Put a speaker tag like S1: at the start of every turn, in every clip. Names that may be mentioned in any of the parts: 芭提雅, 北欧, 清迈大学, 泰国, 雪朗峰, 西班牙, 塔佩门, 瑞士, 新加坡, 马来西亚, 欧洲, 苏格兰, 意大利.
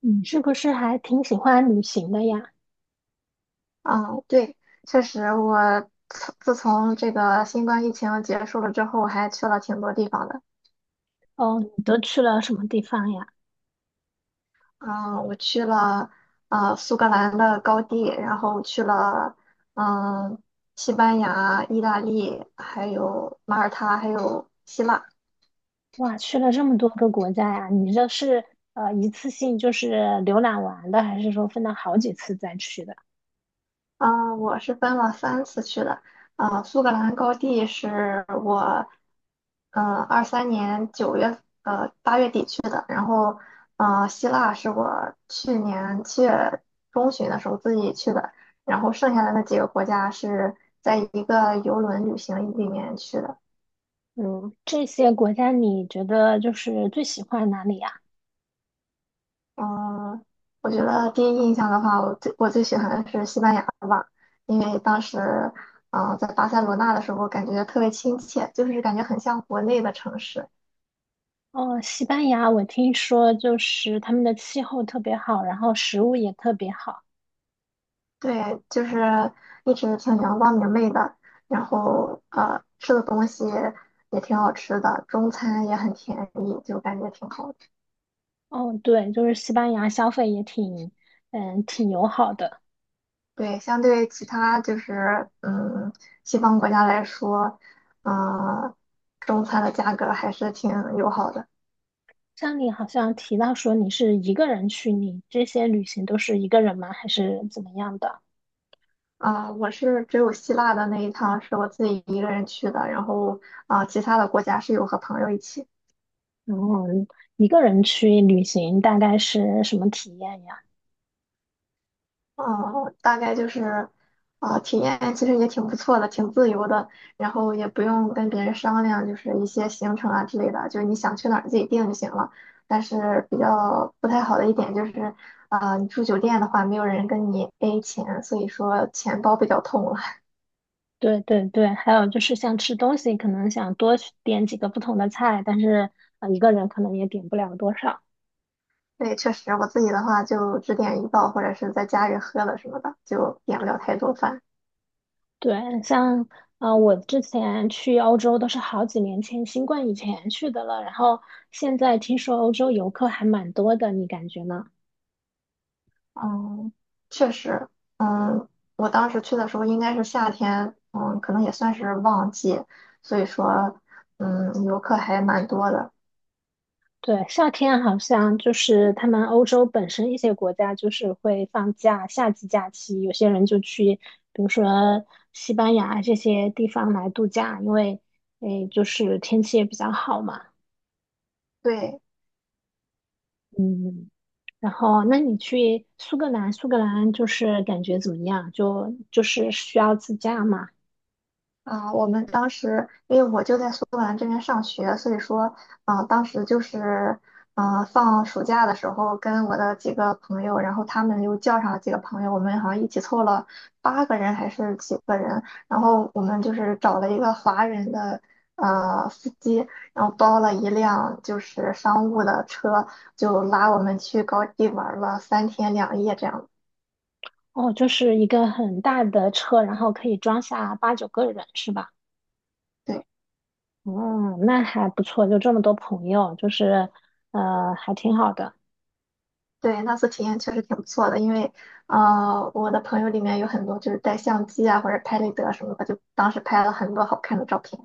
S1: 你是不是还挺喜欢旅行的呀？
S2: 嗯，对，确实我自从这个新冠疫情结束了之后，我还去了挺多地方的。
S1: 哦，你都去了什么地方呀？
S2: 嗯，我去了苏格兰的高地，然后去了嗯西班牙、意大利，还有马耳他，还有希腊。
S1: 哇，去了这么多个国家呀！你这是一次性就是浏览完的，还是说分了好几次再去的？
S2: 啊，我是分了3次去的。啊，苏格兰高地是我23年9月，8月底去的。然后，希腊是我去年7月中旬的时候自己去的。然后剩下的那几个国家是在一个游轮旅行里面去的。
S1: 嗯，这些国家你觉得就是最喜欢哪里呀？
S2: 嗯，我觉得第一印象的话，我最喜欢的是西班牙吧，因为当时，在巴塞罗那的时候，感觉特别亲切，就是感觉很像国内的城市。
S1: 哦，西班牙，我听说就是他们的气候特别好，然后食物也特别好。
S2: 对，就是一直挺阳光明媚的，然后吃的东西也挺好吃的，中餐也很便宜，就感觉挺好的。
S1: 哦，对，就是西班牙消费也挺友好的。
S2: 对，相对其他就是西方国家来说，嗯、中餐的价格还是挺友好的。
S1: 像你好像提到说你是一个人去，你这些旅行都是一个人吗？还是怎么样的？
S2: 我是只有希腊的那一趟是我自己一个人去的，然后其他的国家是有和朋友一起。
S1: 然后一个人去旅行大概是什么体验呀？
S2: 哦，大概就是体验其实也挺不错的，挺自由的，然后也不用跟别人商量，就是一些行程啊之类的，就是你想去哪儿自己定就行了。但是比较不太好的一点就是，你住酒店的话，没有人跟你 A 钱，所以说钱包比较痛了。
S1: 对对对，还有就是像吃东西，可能想多去点几个不同的菜，但是一个人可能也点不了多少。
S2: 对，确实，我自己的话就只点一道，或者是在家里喝了什么的，就点不了太多饭。
S1: 对，像我之前去欧洲都是好几年前，新冠以前去的了。然后现在听说欧洲游客还蛮多的，你感觉呢？
S2: 嗯，确实，嗯，我当时去的时候应该是夏天，嗯，可能也算是旺季，所以说，游客还蛮多的。
S1: 对，夏天好像就是他们欧洲本身一些国家就是会放假，夏季假期，有些人就去，比如说西班牙这些地方来度假，因为就是天气也比较好嘛。
S2: 对，
S1: 嗯，然后那你去苏格兰，苏格兰就是感觉怎么样？就是需要自驾嘛？
S2: 我们当时因为我就在苏格兰这边上学，所以说，啊、当时就是，啊、放暑假的时候，跟我的几个朋友，然后他们又叫上了几个朋友，我们好像一起凑了8个人还是几个人，然后我们就是找了一个华人的司机，然后包了一辆就是商务的车，就拉我们去高地玩了3天2夜这样。
S1: 哦，就是一个很大的车，然后可以装下八九个人，是吧？
S2: 对。
S1: 哦，那还不错，就这么多朋友，就是，还挺好的。
S2: 对，那次体验确实挺不错的，因为我的朋友里面有很多就是带相机啊或者拍立得什么的，就当时拍了很多好看的照片。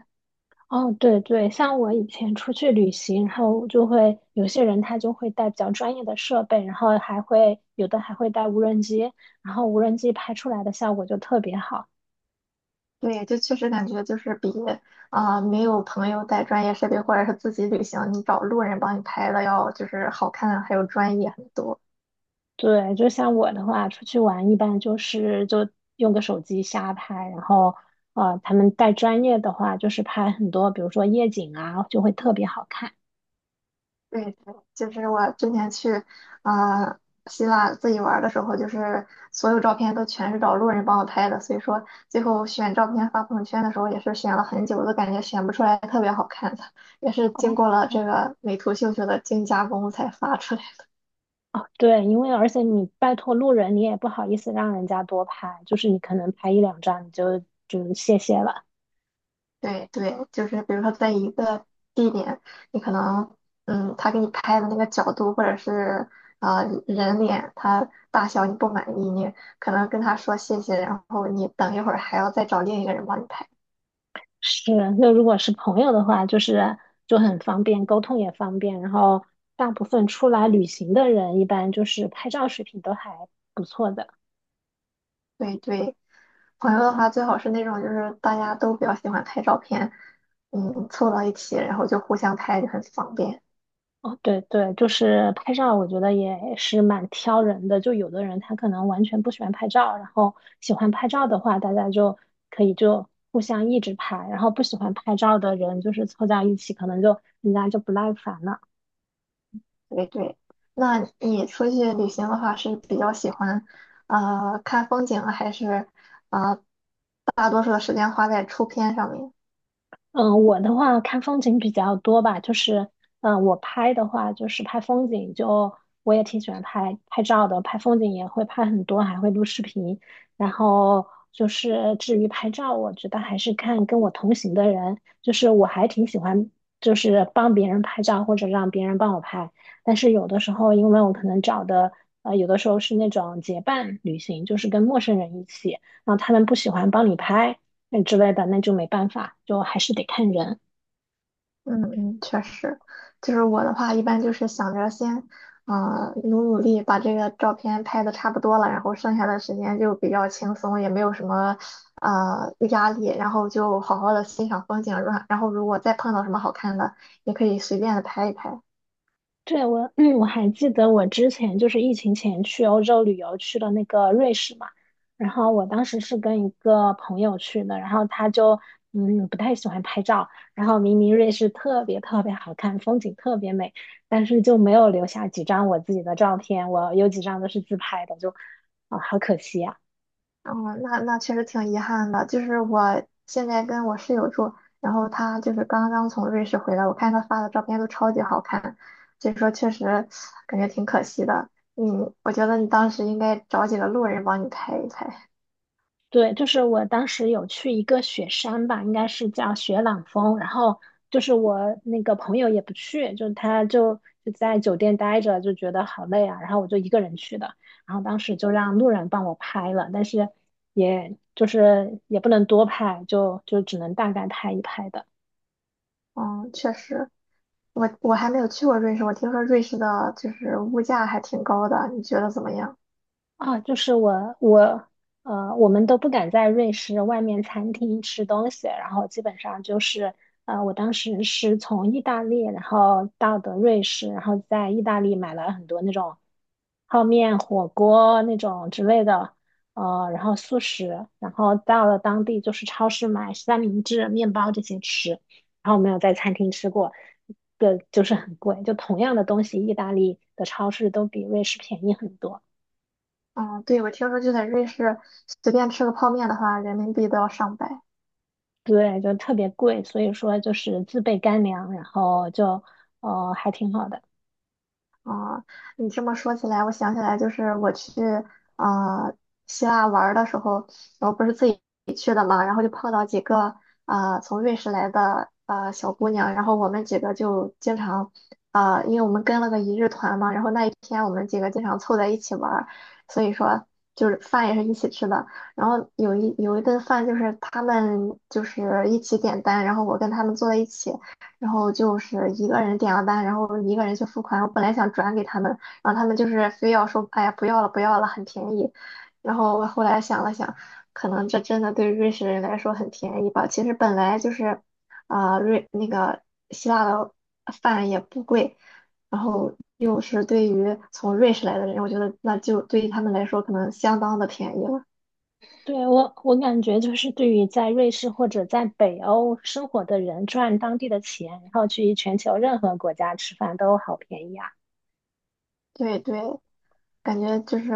S1: 哦，对对，像我以前出去旅行，然后就会有些人他就会带比较专业的设备，然后还会有的还会带无人机，然后无人机拍出来的效果就特别好。
S2: 对，就确实感觉就是比没有朋友带专业设备或者是自己旅行，你找路人帮你拍的要就是好看还有专业很多。
S1: 对，就像我的话，出去玩一般就用个手机瞎拍，然后，他们带专业的话，就是拍很多，比如说夜景啊，就会特别好看。
S2: 对，对，就是我之前去，呃，希腊自己玩儿的时候，就是所有照片都全是找路人帮我拍的，所以说最后选照片发朋友圈的时候也是选了很久，都感觉选不出来特别好看的，也是经
S1: 哦。
S2: 过了这个美图秀秀的精加工才发出来。
S1: 哦，对，因为而且你拜托路人，你也不好意思让人家多拍，就是你可能拍一两张你就谢谢了。
S2: 对对，就是比如说在一个地点，你可能，他给你拍的那个角度或者是人脸，他大小你不满意，你可能跟他说谢谢，然后你等一会儿还要再找另一个人帮你拍。
S1: 是，那如果是朋友的话，就很方便，沟通也方便。然后大部分出来旅行的人，一般就是拍照水平都还不错的。
S2: 对对，朋友的话最好是那种就是大家都比较喜欢拍照片，凑到一起然后就互相拍就很方便。
S1: 哦，对对，就是拍照，我觉得也是蛮挑人的。就有的人他可能完全不喜欢拍照，然后喜欢拍照的话，大家就可以就互相一直拍，然后不喜欢拍照的人就是凑在一起，可能就人家就不耐烦了。
S2: 对对，那你出去旅行的话是比较喜欢，看风景啊还是？啊、大多数的时间花在出片上面。
S1: 嗯，我的话看风景比较多吧，就是，我拍的话就是拍风景就，我也挺喜欢拍拍照的，拍风景也会拍很多，还会录视频。然后就是至于拍照，我觉得还是看跟我同行的人，就是我还挺喜欢就是帮别人拍照或者让别人帮我拍。但是有的时候，因为我可能找的，有的时候是那种结伴旅行，就是跟陌生人一起，然后他们不喜欢帮你拍。之类的，那就没办法，就还是得看人。
S2: 嗯嗯，确实，就是我的话，一般就是想着先，努力把这个照片拍的差不多了，然后剩下的时间就比较轻松，也没有什么压力，然后就好好的欣赏风景，然后如果再碰到什么好看的，也可以随便的拍一拍。
S1: 对，我还记得我之前就是疫情前去欧洲旅游去了那个瑞士嘛，然后我当时是跟一个朋友去的，然后他就不太喜欢拍照，然后明明瑞士特别特别好看，风景特别美，但是就没有留下几张我自己的照片，我有几张都是自拍的，就好可惜呀。
S2: 哦，那确实挺遗憾的。就是我现在跟我室友住，然后她就是刚刚从瑞士回来，我看她发的照片都超级好看，所以说确实感觉挺可惜的。嗯，我觉得你当时应该找几个路人帮你拍一拍。
S1: 对，就是我当时有去一个雪山吧，应该是叫雪朗峰，然后就是我那个朋友也不去，就他就在酒店待着，就觉得好累啊，然后我就一个人去的，然后当时就让路人帮我拍了，但是也就是也不能多拍，就只能大概拍一拍的。
S2: 嗯，确实，我还没有去过瑞士，我听说瑞士的就是物价还挺高的，你觉得怎么样？
S1: 啊，就是我我我们都不敢在瑞士外面餐厅吃东西，然后基本上就是我当时是从意大利，然后到的瑞士，然后在意大利买了很多那种泡面、火锅那种之类的，然后速食，然后到了当地就是超市买三明治、面包这些吃，然后没有在餐厅吃过的，就是很贵，就同样的东西，意大利的超市都比瑞士便宜很多。
S2: 嗯，对，我听说就在瑞士随便吃个泡面的话，人民币都要上百。
S1: 对，就特别贵，所以说就是自备干粮，然后就还挺好的。
S2: 啊、你这么说起来，我想起来，就是我去啊希腊玩儿的时候，然后不是自己去的嘛，然后就碰到几个从瑞士来的小姑娘，然后我们几个就经常因为我们跟了个一日团嘛，然后那一天我们几个经常凑在一起玩儿，所以说就是饭也是一起吃的，然后有一顿饭就是他们就是一起点单，然后我跟他们坐在一起。然后就是一个人点了单，然后一个人去付款。我本来想转给他们，然后他们就是非要说，哎呀，不要了，不要了，很便宜。然后我后来想了想，可能这真的对瑞士人来说很便宜吧。其实本来就是，啊、瑞那个希腊的饭也不贵，然后又是对于从瑞士来的人，我觉得那就对于他们来说可能相当的便宜了。
S1: 对，我感觉就是对于在瑞士或者在北欧生活的人，赚当地的钱，然后去全球任何国家吃饭都好便宜啊。
S2: 对对，感觉就是，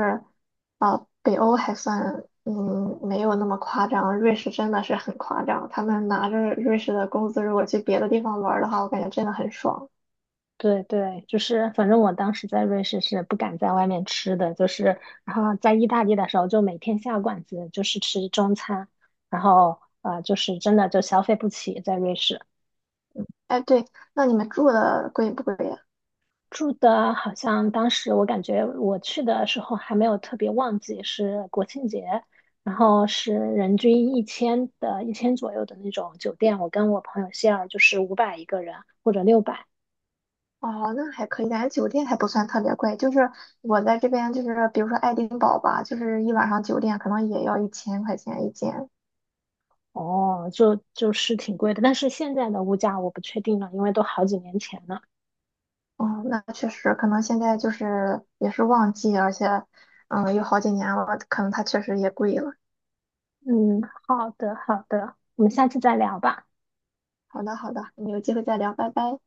S2: 北欧还算，没有那么夸张。瑞士真的是很夸张，他们拿着瑞士的工资，如果去别的地方玩儿的话，我感觉真的很爽。
S1: 对对，就是反正我当时在瑞士是不敢在外面吃的，就是然后在意大利的时候就每天下馆子，就是吃中餐，然后就是真的就消费不起在瑞士。
S2: 哎，对，那你们住的贵不贵呀？
S1: 住的好像当时我感觉我去的时候还没有特别旺季，是国庆节，然后是人均一千的一千左右的那种酒店，我跟我朋友希尔就是500一个人或者600。
S2: 哦，那还可以，感觉酒店还不算特别贵。就是我在这边，就是比如说爱丁堡吧，就是一晚上酒店可能也要1000块钱一间。
S1: 哦，就是挺贵的，但是现在的物价我不确定了，因为都好几年前了。
S2: 哦，那确实，可能现在就是也是旺季，而且，有好几年了，可能它确实也贵了。
S1: 嗯，好的好的，我们下次再聊吧。
S2: 好的，好的，我们有机会再聊，拜拜。